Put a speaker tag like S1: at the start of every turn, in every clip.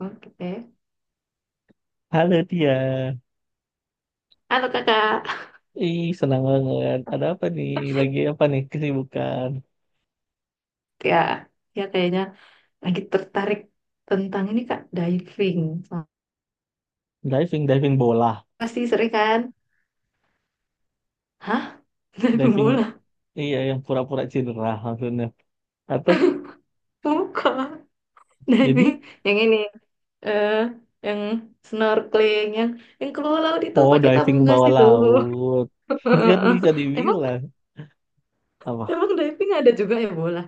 S1: Oke.
S2: Halo dia,
S1: Halo kakak.
S2: ih senang banget. Ada apa nih? Lagi apa nih kesibukan?
S1: Ya, kayaknya lagi tertarik tentang ini kak, diving.
S2: Diving, diving bola,
S1: Pasti sering kan? Hah? Diving
S2: diving
S1: bola?
S2: iya yang pura-pura cedera maksudnya. Atau
S1: Bukan. Diving
S2: jadi
S1: yang ini. eh yang snorkeling, yang keluar laut itu
S2: oh
S1: pakai
S2: diving
S1: tabung gas
S2: bawah
S1: itu.
S2: laut kan bisa
S1: Emang
S2: dibilang apa?
S1: emang diving ada juga ya bola?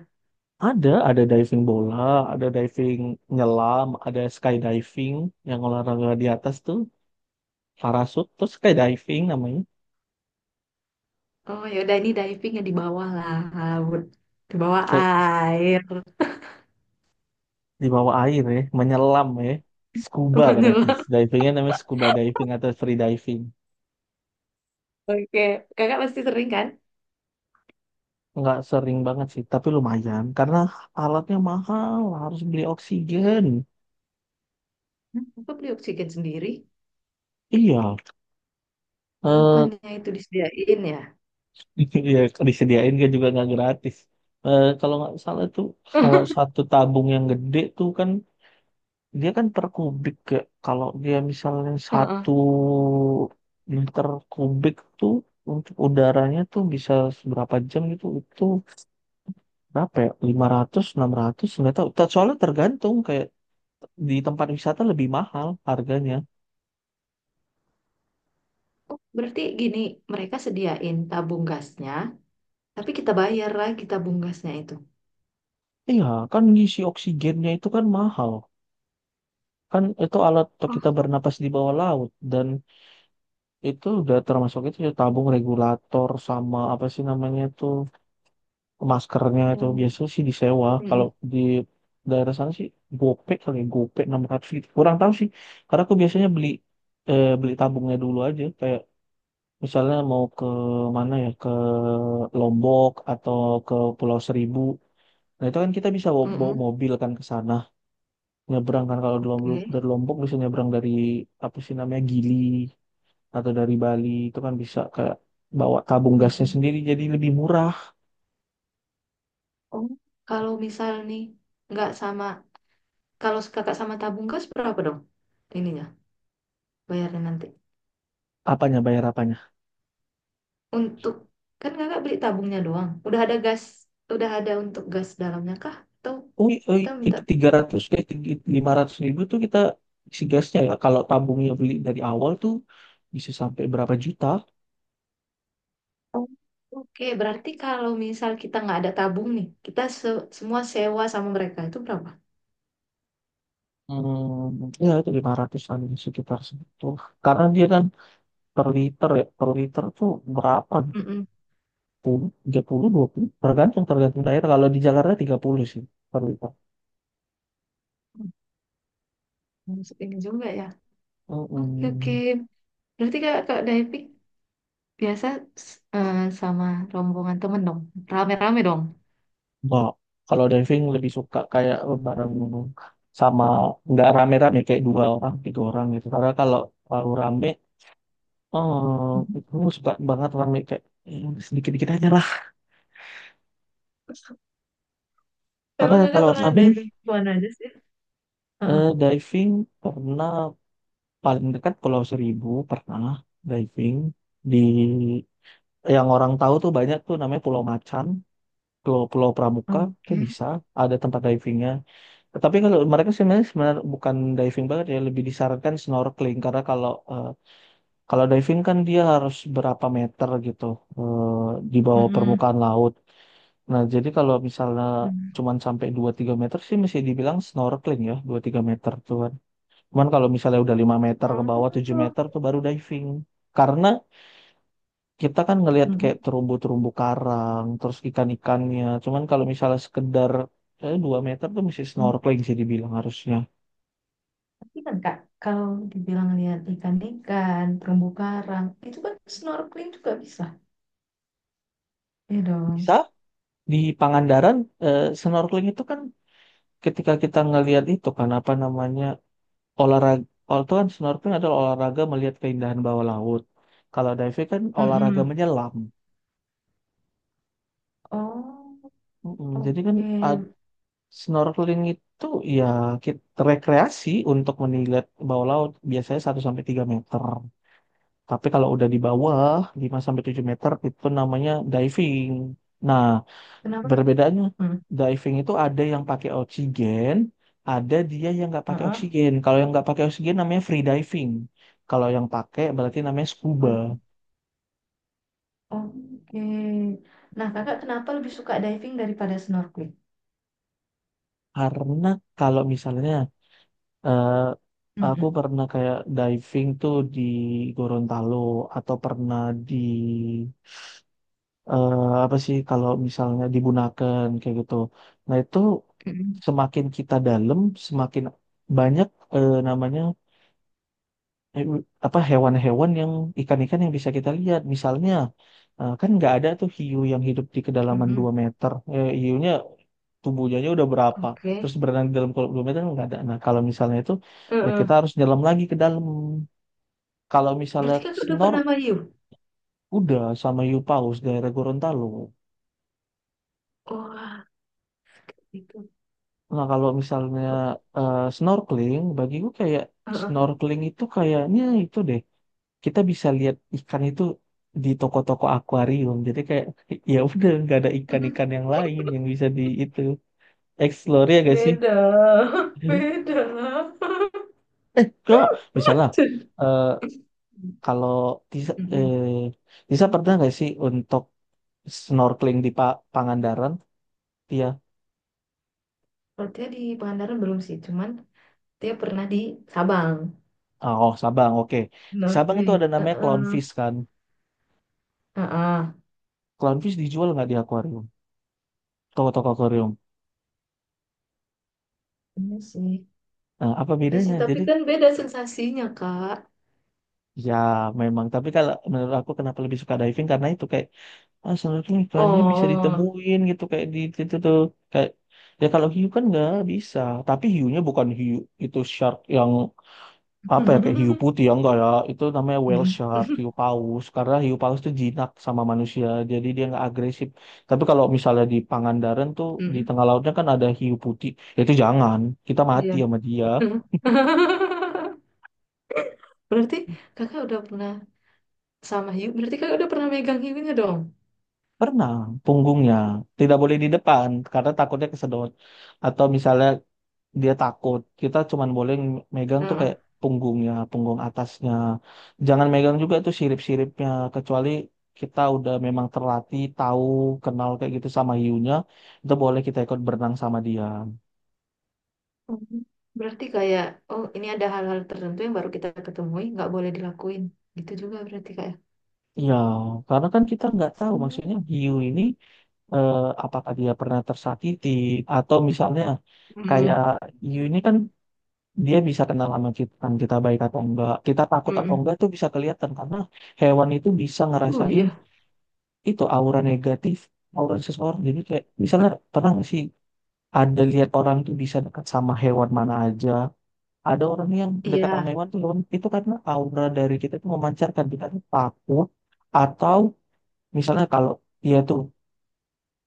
S2: Ada diving bola, ada diving nyelam, ada skydiving yang olahraga di atas tuh parasut terus skydiving namanya.
S1: Oh ya udah ini diving yang di bawah laut, di bawah air.
S2: Di bawah air ya, menyelam ya. Scuba berarti.
S1: Menyelam.
S2: Divingnya namanya scuba diving atau free diving.
S1: Oke, kakak pasti sering kan?
S2: Nggak sering banget sih, tapi lumayan. Karena alatnya mahal, harus beli oksigen.
S1: Aku beli oksigen sendiri.
S2: Iya, eh
S1: Bukannya itu disediain ya?
S2: iya, disediain kan juga nggak gratis. Eh kalau nggak salah tuh, kalau satu tabung yang gede tuh kan, dia kan per kubik. Ya. Kalau dia misalnya
S1: Heeh.
S2: satu liter kubik tuh, untuk udaranya tuh bisa seberapa jam gitu, itu berapa ya? 500, 600, nggak tahu. Soalnya tergantung kayak di tempat wisata lebih mahal harganya.
S1: Oh, berarti gini, mereka sediain tabung gasnya, tapi kita bayar lagi tabung gasnya itu.
S2: Iya, kan ngisi oksigennya itu kan mahal. Kan itu alat untuk kita
S1: Oh,
S2: bernapas di bawah laut dan itu udah termasuk itu ya, tabung regulator sama apa sih namanya itu maskernya itu
S1: ya.
S2: biasanya sih disewa. Kalau
S1: Mm-mm.
S2: di daerah sana sih gope kali ya, gope 600 gitu. Kurang tahu sih. Karena aku biasanya beli beli tabungnya dulu aja kayak misalnya mau ke mana ya, ke Lombok atau ke Pulau Seribu. Nah itu kan kita bisa bawa, bawa
S1: Mm-mm.
S2: mobil kan ke sana. Nyebrang kan kalau
S1: Oke.
S2: Dari Lombok bisa nyebrang dari apa sih namanya Gili atau dari Bali itu kan bisa kayak bawa tabung gasnya
S1: Mm-mm.
S2: sendiri jadi lebih murah.
S1: Oh, kalau misal nih nggak sama, kalau kakak sama tabung gas berapa dong? Ininya, bayarnya nanti.
S2: Apanya bayar apanya?
S1: Untuk kan kakak beli tabungnya doang. Udah ada gas, udah ada untuk gas dalamnya kah? Atau
S2: Oh, i- oh,
S1: kita
S2: i-
S1: minta.
S2: itu 300 500 ribu tuh kita isi gasnya ya. Kalau tabungnya beli dari awal tuh bisa sampai berapa juta?
S1: Oh, oke, berarti kalau misal kita nggak ada tabung nih, kita se- semua sewa sama mereka itu berapa?
S2: Hmm, ya itu 500-an sekitar segitu. Karena dia kan per liter ya, per liter tuh berapa? Gitu?
S1: Mm-mm.
S2: 10, 30, 20, tergantung tergantung daerah. Kalau di Jakarta 30 sih per liter.
S1: Hmm, ini juga ya. Oke, oke.
S2: Hmm.
S1: Berarti kak, kak diving biasa s- eh, sama rombongan temen dong, rame-rame dong.
S2: Nah, kalau diving lebih suka kayak bareng sama nggak rame-rame kayak dua orang, tiga orang gitu. Karena kalau baru rame,
S1: Mhm.
S2: itu suka banget rame kayak sedikit-dikit aja lah. Karena
S1: Emang kakak
S2: kalau
S1: pernah
S2: rame,
S1: diving di mana aja sih? Heeh.
S2: diving pernah paling dekat Pulau Seribu pernah diving di yang orang tahu tuh banyak tuh namanya Pulau Macan, Pulau Pulau Pramuka itu
S1: Oke.
S2: bisa ada tempat divingnya. Tetapi kalau mereka sebenarnya sebenarnya bukan diving banget ya, lebih disarankan snorkeling karena kalau diving kan dia harus berapa meter gitu di bawah
S1: Mm-mm.
S2: permukaan laut. Nah, jadi kalau misalnya
S1: Mm.
S2: cuman sampai dua tiga meter sih masih dibilang snorkeling ya, dua tiga meter tuh cuman kalau misalnya udah 5 meter ke bawah, 7
S1: Oh.
S2: meter tuh baru diving. Karena kita kan ngelihat
S1: Mm-mm.
S2: kayak terumbu-terumbu karang, terus ikan-ikannya. Cuman kalau misalnya sekedar 2 meter tuh mesti
S1: Mm.
S2: snorkeling sih dibilang harusnya.
S1: Tapi kan kak, kalau dibilang lihat ikan-ikan, terumbu karang, itu kan snorkeling juga bisa. Iya
S2: Bisa
S1: dong.
S2: di Pangandaran snorkeling itu kan ketika kita ngelihat itu kan apa namanya olahraga. Oh, itu kan snorkeling adalah olahraga melihat keindahan bawah laut. Kalau diving kan olahraga
S1: Mm-mm.
S2: menyelam.
S1: Oh,
S2: Mm-mm, jadi kan ah,
S1: oke.
S2: Snorkeling itu ya kita rekreasi untuk melihat bawah laut biasanya 1 sampai 3 meter. Tapi kalau udah di bawah 5 sampai 7 meter itu namanya diving. Nah,
S1: Kenapa?
S2: berbedanya
S1: Hmm.
S2: diving itu ada yang pakai oksigen, ada dia yang nggak pakai
S1: Heeh.
S2: oksigen. Kalau yang nggak pakai oksigen namanya free diving. Kalau yang pakai berarti namanya scuba.
S1: Oh, oke. Nah, kakak kenapa lebih suka diving daripada snorkeling?
S2: Karena kalau misalnya Eh, aku
S1: Mm-mm.
S2: pernah kayak diving tuh di Gorontalo atau pernah di eh, apa sih kalau misalnya di Bunaken kayak gitu. Nah itu
S1: Mm-mm.
S2: semakin kita dalam, semakin banyak namanya eh, apa hewan-hewan yang ikan-ikan yang bisa kita lihat. Misalnya kan nggak ada tuh hiu yang hidup di kedalaman
S1: Mm-mm.
S2: 2 meter. Hiunya tubuhnya aja udah berapa
S1: Oke.
S2: terus berenang di dalam kolam 2 meter nggak ada nah kalau misalnya itu ya
S1: Heeh.
S2: kita harus nyelam lagi ke dalam kalau misalnya
S1: Berarti kakak udah
S2: snor
S1: pernah mayung?
S2: udah sama hiu daerah Gorontalo
S1: Wah, itu.
S2: nah kalau misalnya snorkeling bagiku kayak
S1: Heeh.
S2: snorkeling itu kayaknya itu deh kita bisa lihat ikan itu di toko-toko akuarium jadi kayak ya udah nggak ada ikan-ikan yang lain yang bisa di itu explore ya gak sih
S1: Beda. Beda.
S2: eh kok misalnya
S1: Cun.
S2: eh, Kalau Tisa,
S1: Mm-mm.
S2: eh, Tisa pernah nggak sih untuk snorkeling di Pangandaran? Iya.
S1: Kalau dia di Pangandaran belum sih, cuman dia pernah di Sabang.
S2: Oh, Sabang, oke. Di Sabang itu
S1: Snorkeling.
S2: ada namanya
S1: Heeh.
S2: clownfish kan.
S1: Heeh.
S2: Clownfish dijual nggak di akuarium? Toko-toko akuarium.
S1: Iya sih.
S2: Nah, apa
S1: Ya
S2: bedanya?
S1: sih, tapi
S2: Jadi,
S1: kan beda sensasinya, Kak.
S2: ya memang. Tapi kalau menurut aku kenapa lebih suka diving? Karena itu kayak, snorkeling ikannya bisa
S1: Oh.
S2: ditemuin gitu. Kayak di itu tuh. Kayak, ya kalau hiu kan nggak bisa. Tapi hiunya bukan hiu. Itu shark yang apa ya kayak hiu putih ya enggak ya itu namanya whale
S1: Hmm.
S2: shark hiu paus karena hiu paus itu jinak sama manusia jadi dia nggak agresif. Tapi kalau misalnya di Pangandaran tuh di
S1: Mm-mm.
S2: tengah lautnya kan ada hiu putih. Ya itu jangan, kita mati
S1: Iya.
S2: sama dia.
S1: Hmm. Berarti kakak udah pernah sama hiu. Berarti kakak udah pernah megang hiunya dong.
S2: Pernah punggungnya tidak boleh di depan karena takutnya kesedot atau misalnya dia takut. Kita cuman boleh megang tuh
S1: Heeh.
S2: kayak punggungnya, punggung atasnya. Jangan megang juga itu sirip-siripnya, kecuali kita udah memang terlatih, tahu, kenal kayak gitu sama hiunya, itu boleh kita ikut berenang sama dia.
S1: Mm. Berarti kayak, oh ini ada hal-hal tertentu yang baru kita ketemui, nggak boleh dilakuin. Gitu juga berarti kayak.
S2: Ya, karena kan kita nggak tahu maksudnya hiu ini eh, apakah dia pernah tersakiti atau misalnya
S1: Mm.
S2: kayak hiu ini kan dia bisa kenal sama kita, kan kita baik atau enggak, kita takut atau
S1: Mm.
S2: enggak itu bisa kelihatan karena hewan itu bisa
S1: Oh
S2: ngerasain
S1: iya.
S2: itu aura negatif aura seseorang jadi kayak misalnya pernah nggak sih ada lihat orang tuh bisa dekat sama hewan mana aja ada orang yang dekat sama
S1: Iya,
S2: hewan tuh hewan itu karena aura dari kita tuh memancarkan kita tuh takut atau misalnya kalau iya tuh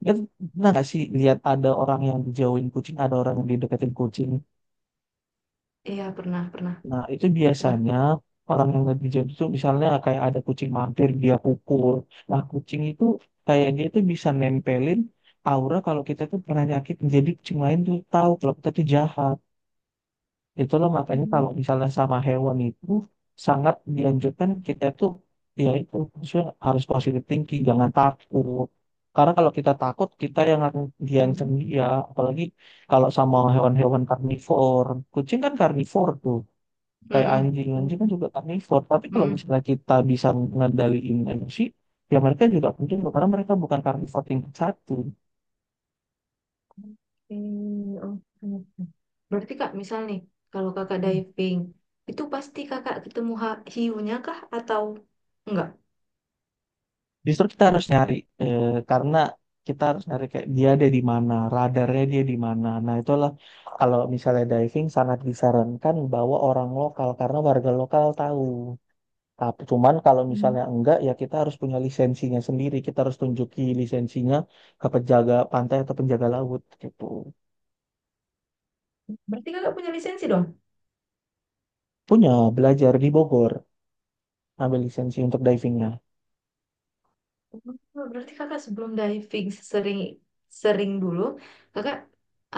S2: ya pernah nggak sih lihat ada orang yang dijauhin kucing ada orang yang dideketin kucing.
S1: iya pernah, pernah,
S2: Nah, itu
S1: pernah.
S2: biasanya orang yang lebih jahat itu misalnya kayak ada kucing mampir, dia pukul. Nah, kucing itu kayak dia itu bisa nempelin aura kalau kita tuh pernah nyakit. Jadi kucing lain tuh tahu kalau kita tuh jahat. Itulah makanya
S1: Mm.
S2: kalau misalnya sama hewan itu sangat dianjurkan kita tuh ya itu maksudnya harus positive thinking, jangan takut. Karena kalau kita takut, kita yang akan diancam
S1: Mm.
S2: dia. Apalagi kalau sama hewan-hewan karnivor. Kucing kan karnivor tuh kayak
S1: Mm-mm.
S2: anjing anjing kan
S1: Mm.
S2: juga karnivor tapi kalau
S1: Mm.
S2: misalnya kita bisa ngendaliin emosi ya mereka juga penting loh, karena mereka bukan karnivor tingkat satu.
S1: Hmm, oke, oke. Berarti Kak, misal nih, kalau Kakak diving, itu pasti Kakak ketemu ha- hiunya kah atau enggak?
S2: Justru kita harus nyari eh, karena kita harus nyari kayak dia ada di mana radarnya dia di mana nah itulah kalau misalnya diving sangat disarankan bawa orang lokal karena warga lokal tahu tapi cuman kalau
S1: Hmm.
S2: misalnya enggak ya kita harus punya lisensinya sendiri kita harus tunjuki lisensinya ke penjaga pantai atau penjaga laut gitu.
S1: Berarti Kakak punya lisensi dong?
S2: Punya, belajar di Bogor, ambil lisensi untuk divingnya.
S1: Oh, berarti Kakak sebelum diving sering sering dulu, Kakak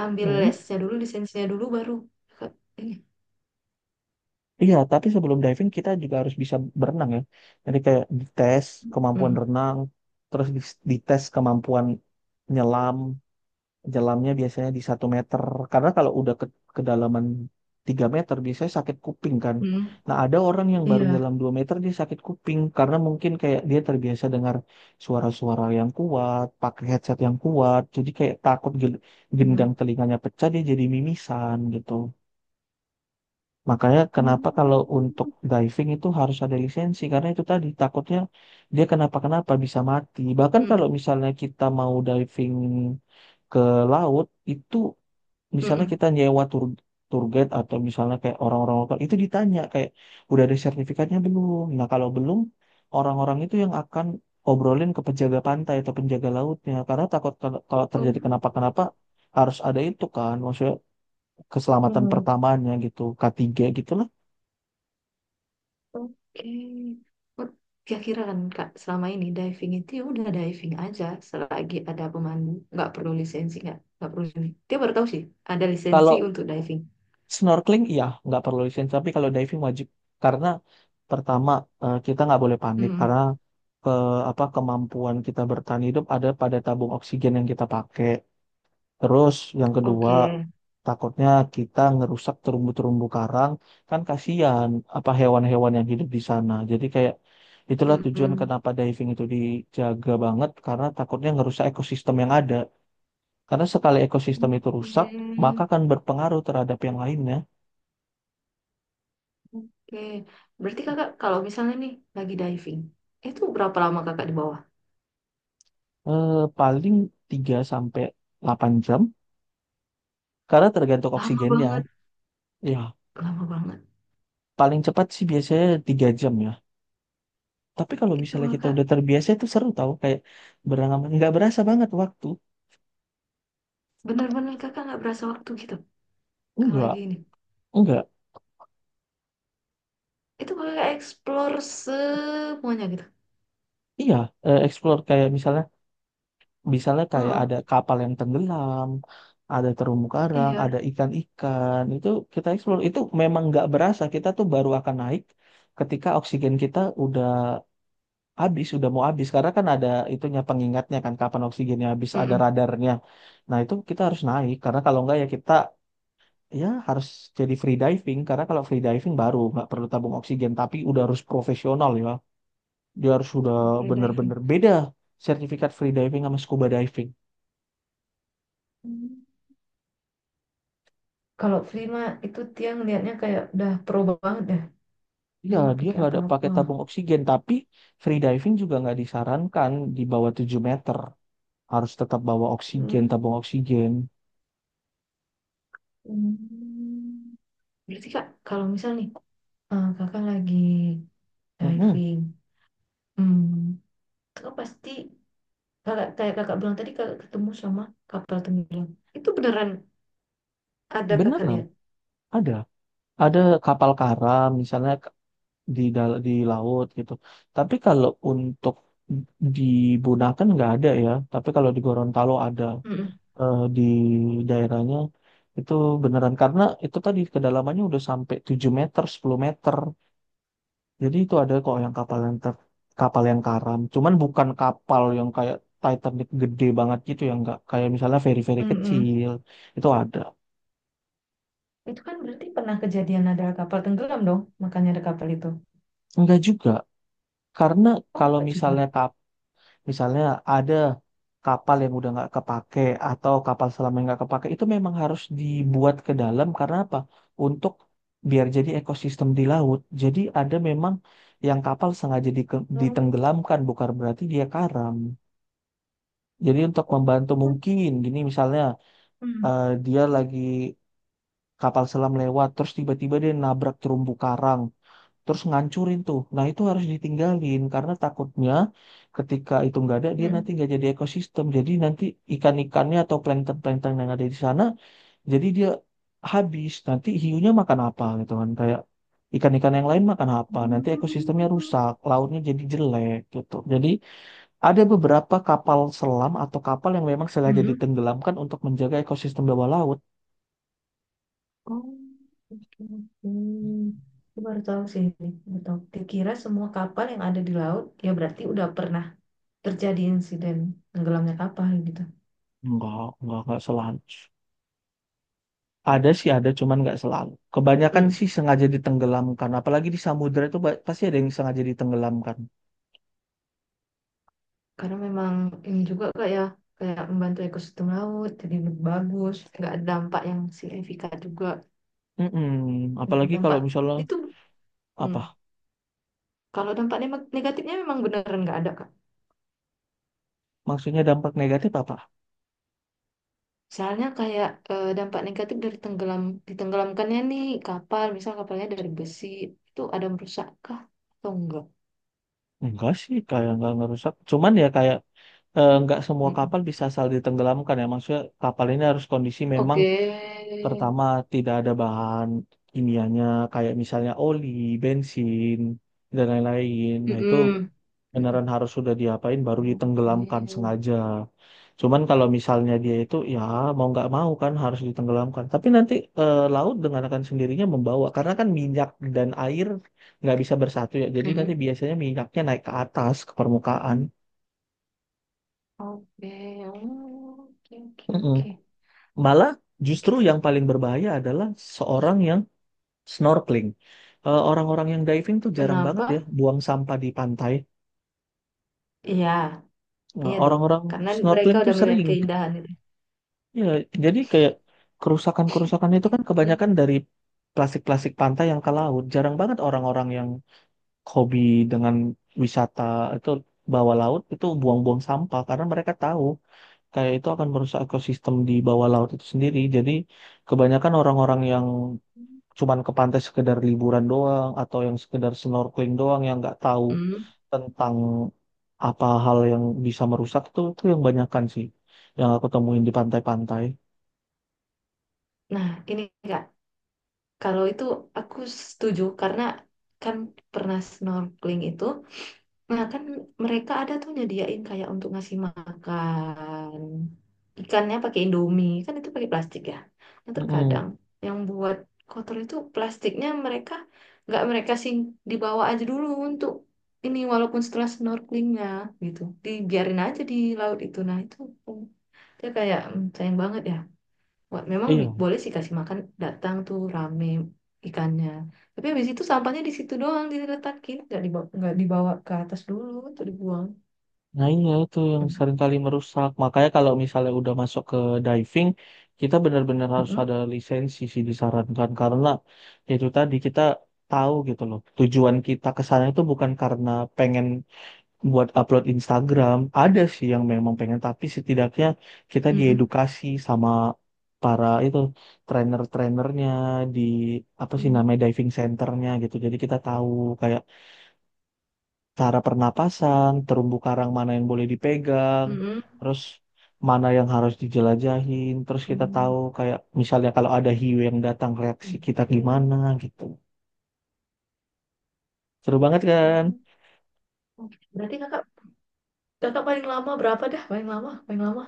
S1: ambil
S2: Hmm.
S1: lesnya dulu, lisensinya dulu baru Kakak ini.
S2: Iya, tapi sebelum diving kita juga harus bisa berenang ya. Jadi kayak dites kemampuan
S1: Hmm,
S2: renang, terus dites kemampuan nyelam, jelamnya biasanya di 1 meter. Karena kalau udah ke kedalaman 3 meter biasanya sakit kuping kan.
S1: hmm,
S2: Nah ada orang yang baru
S1: iya.
S2: nyelam 2 meter dia sakit kuping. Karena mungkin kayak dia terbiasa dengar suara-suara yang kuat, pakai headset yang kuat. Jadi kayak takut
S1: Hmm,
S2: gendang telinganya pecah dia jadi mimisan gitu. Makanya kenapa kalau
S1: hmm.
S2: untuk diving itu harus ada lisensi. Karena itu tadi takutnya dia kenapa-kenapa bisa mati. Bahkan kalau misalnya kita mau diving ke laut itu
S1: Hmm,
S2: misalnya
S1: hmm,
S2: kita nyewa tour tour guide atau misalnya kayak orang-orang lokal itu ditanya kayak udah ada sertifikatnya belum. Nah, kalau belum orang-orang itu yang akan obrolin ke penjaga pantai atau penjaga lautnya karena takut kalau kalau terjadi
S1: hmm.
S2: kenapa-kenapa harus ada itu kan maksudnya keselamatan
S1: Oh.
S2: pertamanya gitu K3 gitu lah.
S1: Oke. Oh, kira-kira kan Kak, selama ini diving itu ya udah diving aja selagi ada pemandu, nggak perlu lisensi nggak perlu ini. Dia baru tahu sih ada lisensi
S2: Kalau
S1: untuk diving.
S2: snorkeling iya nggak perlu lisensi tapi kalau diving wajib karena pertama kita nggak boleh panik
S1: Hmm,
S2: karena ke apa kemampuan kita bertahan hidup ada pada tabung oksigen yang kita pakai. Terus yang kedua,
S1: oke.
S2: takutnya kita ngerusak terumbu-terumbu karang, kan kasihan apa hewan-hewan yang hidup di sana. Jadi kayak itulah tujuan
S1: Mm-mm.
S2: kenapa diving itu dijaga banget karena takutnya ngerusak ekosistem yang ada. Karena sekali ekosistem itu rusak,
S1: Oke,
S2: maka akan berpengaruh terhadap yang lainnya.
S1: oke. Berarti kakak kalau misalnya nih lagi diving, itu berapa lama kakak di bawah?
S2: Paling 3 sampai 8 jam karena tergantung
S1: Lama
S2: oksigennya.
S1: banget,
S2: Ya,
S1: lama banget.
S2: paling cepat sih biasanya 3 jam ya. Tapi kalau
S1: Itu
S2: misalnya kita
S1: kakak
S2: udah terbiasa itu seru tau kayak beranggapan nggak berasa banget waktu.
S1: benar-benar kakak nggak berasa waktu gitu. Kalau
S2: Enggak,
S1: lagi ini,
S2: enggak.
S1: itu kakak explore semuanya gitu.
S2: Iya, explore kayak misalnya misalnya kayak
S1: Heeh.
S2: ada kapal yang tenggelam, ada terumbu karang,
S1: Iya,
S2: ada ikan-ikan. Itu kita explore itu memang nggak berasa kita tuh baru akan naik ketika oksigen kita udah habis, udah mau habis karena kan ada itunya pengingatnya kan kapan oksigennya habis, ada
S1: mm-mm.
S2: radarnya. Nah, itu kita harus naik karena kalau enggak ya kita ya harus jadi free diving karena kalau free diving baru nggak perlu tabung oksigen tapi udah harus profesional ya dia harus sudah
S1: Oh, skydiving.
S2: bener-bener beda sertifikat free diving sama scuba diving
S1: Hmm. Kalau free mah itu dia ngelihatnya kayak udah pro banget dah. Dia
S2: ya
S1: nggak
S2: dia
S1: pakai
S2: nggak ada pakai
S1: apa-apa.
S2: tabung oksigen tapi free diving juga nggak disarankan di bawah 7 meter harus tetap bawa oksigen
S1: Hmm.
S2: tabung oksigen.
S1: Hmm. Berarti kak, kalau misal nih kakak lagi
S2: Mm-mm.
S1: diving, hmm, kakak pasti kakak kayak kakak bilang tadi kakak ketemu sama kapal tenggelam. Itu beneran ada kakak
S2: Beneran
S1: lihat.
S2: ada ada kapal karam misalnya di di laut gitu. Tapi kalau untuk di Bunaken nggak ada ya. Tapi kalau di Gorontalo ada
S1: Mm-mm.
S2: di daerahnya itu beneran karena itu tadi kedalamannya udah sampai 7 meter, 10 meter. Jadi itu ada kok yang kapal yang karam. Cuman bukan kapal yang kayak Titanic gede banget gitu ya nggak kayak misalnya feri-feri
S1: Mm-mm.
S2: kecil itu ada.
S1: Itu kan berarti pernah kejadian ada kapal tenggelam dong, makanya ada kapal itu.
S2: Enggak juga. Karena
S1: Oh,
S2: kalau
S1: enggak juga.
S2: misalnya misalnya ada kapal yang udah nggak kepake atau kapal selam yang nggak kepake itu memang harus dibuat ke dalam karena apa? Untuk biar jadi ekosistem di laut. Jadi ada memang yang kapal
S1: Oh.
S2: ditenggelamkan bukan berarti dia karam. Jadi untuk
S1: Oh,
S2: membantu mungkin gini misalnya
S1: hmm.
S2: dia lagi kapal selam lewat terus tiba-tiba dia nabrak terumbu karang terus ngancurin tuh. Nah, itu harus ditinggalin karena takutnya ketika itu nggak ada, dia nanti
S1: Mm-mm.
S2: nggak jadi ekosistem. Jadi nanti ikan-ikannya atau plankton-plankton yang ada di sana, jadi dia habis. Nanti hiunya makan apa gitu kan. Kayak ikan-ikan yang lain makan apa. Nanti ekosistemnya
S1: Hmm.
S2: rusak, lautnya jadi jelek gitu. Jadi ada beberapa kapal selam atau kapal yang memang sengaja
S1: Mm-mm.
S2: ditenggelamkan untuk menjaga ekosistem bawah laut.
S1: Oh, oke, oke. Aku baru tahu sih ini. Baru tahu. Dikira semua kapal yang ada di laut, ya berarti udah pernah terjadi insiden tenggelamnya kapal gitu.
S2: Enggak selanjut.
S1: Oh.
S2: Ada sih ada, cuman nggak selalu. Kebanyakan
S1: Mm.
S2: sih sengaja ditenggelamkan. Apalagi di samudra itu pasti ada yang sengaja ditenggelamkan.
S1: Karena memang ini juga kak ya, kayak membantu ekosistem laut, jadi lebih bagus, nggak ada dampak yang signifikan juga.
S2: Mm-mm. Apalagi kalau
S1: Dampak
S2: misalnya
S1: itu,
S2: apa?
S1: mm. Kalau dampak ne- negatifnya memang beneran nggak ada kak.
S2: Maksudnya dampak negatif apa?
S1: Soalnya kayak dampak negatif dari tenggelam ditenggelamkannya nih kapal, misal kapalnya dari besi itu ada merusak kah atau enggak?
S2: Enggak sih, kayak nggak ngerusak. Cuman ya kayak nggak semua
S1: Mm-mm.
S2: kapal bisa asal ditenggelamkan ya. Maksudnya kapal ini harus kondisi memang
S1: Oke.
S2: pertama tidak ada bahan kimianya kayak misalnya oli, bensin dan lain-lain. Nah itu
S1: Mm-mm.
S2: beneran
S1: Mm-mm.
S2: harus sudah diapain baru ditenggelamkan
S1: Oke.
S2: sengaja. Cuman kalau misalnya dia itu ya mau nggak mau kan harus ditenggelamkan. Tapi nanti laut dengan akan sendirinya membawa karena kan minyak dan air nggak bisa bersatu ya. Jadi nanti
S1: Mm-mm.
S2: biasanya minyaknya naik ke atas ke permukaan.
S1: Oke. Oh, oke, oke,
S2: Mm-mm.
S1: oke.
S2: Malah
S1: Oke.
S2: justru yang paling berbahaya adalah seorang yang snorkeling. Orang-orang yang diving tuh jarang banget ya
S1: Kenapa?
S2: buang sampah di pantai.
S1: Iya, iya dong.
S2: Orang-orang
S1: Karena mereka
S2: snorkeling tuh
S1: udah melihat
S2: sering.
S1: keindahan itu.
S2: Ya, jadi kayak kerusakan-kerusakan itu kan
S1: Mm.
S2: kebanyakan dari plastik-plastik pantai yang ke laut. Jarang banget orang-orang yang hobi dengan wisata itu bawah laut itu buang-buang sampah karena mereka tahu kayak itu akan merusak ekosistem di bawah laut itu sendiri. Jadi kebanyakan orang-orang yang cuman ke pantai sekedar liburan doang atau yang sekedar snorkeling doang yang nggak tahu
S1: Hmm.
S2: tentang apa hal yang bisa merusak itu yang banyakan sih yang aku temuin di pantai-pantai.
S1: Nah, ini enggak. Kalau itu aku setuju karena kan pernah snorkeling itu. Nah, kan mereka ada tuh nyediain kayak untuk ngasih makan ikannya pakai Indomie, kan itu pakai plastik ya. Nah,
S2: Mm-mm.
S1: terkadang yang buat kotor itu plastiknya mereka nggak mereka sih dibawa aja dulu untuk ini walaupun setelah snorkelingnya gitu, dibiarin aja di laut itu. Nah, itu mm, dia kayak mm, sayang banget ya. Wah, memang bi-
S2: Iya,
S1: boleh sih kasih makan datang tuh rame ikannya. Tapi habis itu sampahnya di situ doang diletakin, nggak dibawa ke atas dulu atau dibuang.
S2: nah iya itu yang
S1: Mm,
S2: seringkali merusak. Makanya kalau misalnya udah masuk ke diving, kita benar-benar harus
S1: mm-mm,
S2: ada lisensi sih disarankan karena itu tadi kita tahu gitu loh. Tujuan kita ke sana itu bukan karena pengen buat upload Instagram. Ada sih yang memang pengen, tapi setidaknya kita
S1: mm-mm,
S2: diedukasi sama para itu trainer-trainernya di apa sih namanya
S1: mm,
S2: diving centernya gitu. Jadi kita tahu kayak cara pernapasan, terumbu karang mana yang boleh dipegang,
S1: mm-mm,
S2: terus mana yang harus dijelajahin, terus kita tahu
S1: mm.
S2: kayak misalnya kalau ada hiu yang datang reaksi kita
S1: Oke.
S2: gimana gitu. Seru banget kan?
S1: Mm, oke. Berarti kakak kakak paling lama berapa dah? Paling lama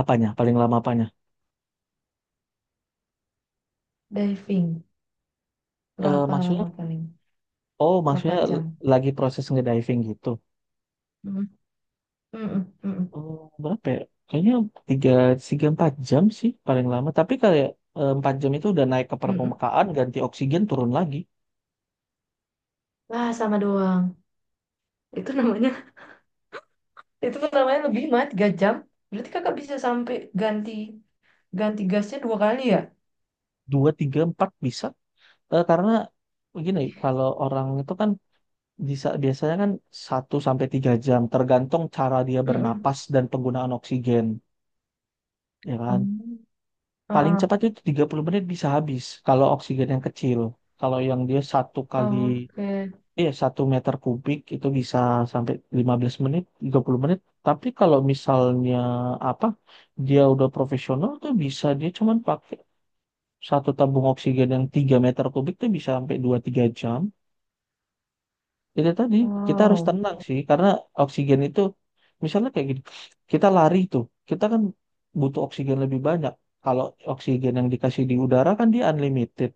S2: Apanya? Paling lama apanya?
S1: diving.
S2: Eh
S1: Berapa
S2: maksudnya,
S1: lama paling?
S2: oh
S1: Berapa jam?
S2: lagi proses ngediving gitu.
S1: Mm, mm-mm, mm-mm,
S2: Oh, berapa ya? Kayaknya tiga, 3 4 jam sih paling lama. Tapi kayak 4 jam itu udah naik ke
S1: mm-mm.
S2: permukaan, ganti oksigen, turun lagi.
S1: Wah, sama doang. Itu namanya, itu namanya lebih mah 3 jam. Berarti kakak bisa sampai ganti. Ganti gasnya dua kali ya?
S2: Dua, tiga, empat bisa. Karena begini,
S1: Ih,
S2: kalau orang itu kan bisa biasanya kan 1 sampai 3 jam tergantung cara dia
S1: mm-mm.
S2: bernapas dan penggunaan oksigen, ya kan?
S1: Oh,
S2: Paling
S1: heeh.
S2: cepat itu 30 menit bisa habis kalau oksigen yang kecil. Kalau yang dia satu kali
S1: Oke.
S2: iya 1 meter kubik itu bisa sampai 15 menit, 30 menit. Tapi kalau misalnya apa dia udah profesional tuh bisa dia cuman pakai satu tabung oksigen yang 3 meter kubik tuh bisa sampai 2 3 jam itu tadi kita harus
S1: Wow.
S2: tenang sih karena oksigen itu misalnya kayak gini kita lari tuh kita kan butuh oksigen lebih banyak kalau oksigen yang dikasih di udara kan dia unlimited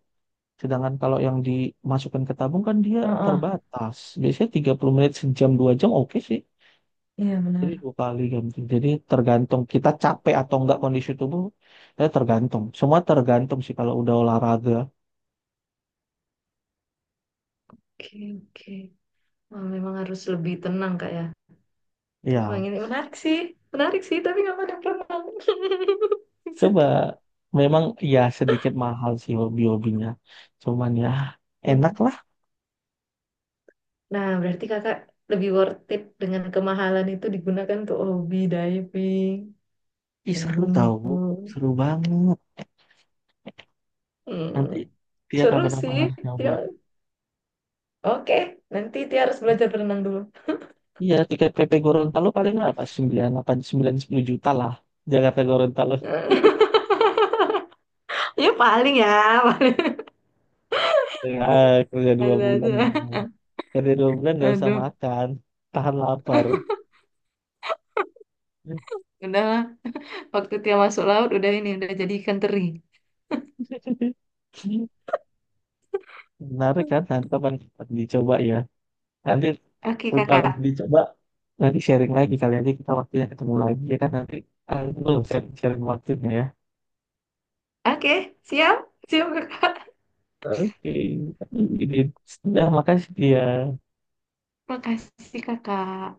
S2: sedangkan kalau yang dimasukkan ke tabung kan dia
S1: Heeh.
S2: terbatas biasanya 30 menit sejam 2 jam oke sih
S1: Iya
S2: jadi
S1: benar.
S2: dua kali ganti jadi tergantung kita capek atau enggak
S1: Oke,
S2: kondisi tubuh ya tergantung semua tergantung sih kalau udah olahraga
S1: oke. Wah, memang harus lebih tenang kak ya. Tapi memang
S2: ya.
S1: ini menarik sih. Menarik sih, tapi nggak pada perenang.
S2: Coba
S1: Sedih.
S2: memang ya sedikit mahal sih hobi-hobinya. Cuman ya enak
S1: Mm.
S2: lah.
S1: Nah, berarti kakak lebih worth it dengan kemahalan itu digunakan untuk hobi diving,
S2: Ih,
S1: naik
S2: seru tau.
S1: gunung.
S2: Seru banget. Nanti
S1: Hmm.
S2: dia
S1: Seru
S2: kapan-kapan
S1: sih.
S2: harus nyoba.
S1: Tia. Oke, nanti Tia harus belajar berenang dulu.
S2: Iya tiket PP Gorontalo paling apa? Sembilan, 8, 9, 10 juta lah. Jakarta Gorontalo
S1: Ya paling ya paling
S2: ya, kerja dua
S1: ada
S2: bulan. gitu.
S1: aja.
S2: Kerja dua bulan gak usah
S1: Aduh,
S2: makan. Tahan lapar.
S1: udahlah. Waktu dia masuk laut udah ini udah jadi ikan teri.
S2: Menarik kan? Nanti kapan dicoba ya. Nanti
S1: Oke
S2: udah
S1: kakak.
S2: dicoba nanti sharing lagi kali aja kita waktunya ketemu lagi ya kan nanti itu belum sharing waktunya ya.
S1: Oke, siap, siap kakak.
S2: Oke, ini sudah makasih dia.
S1: Makasih kakak.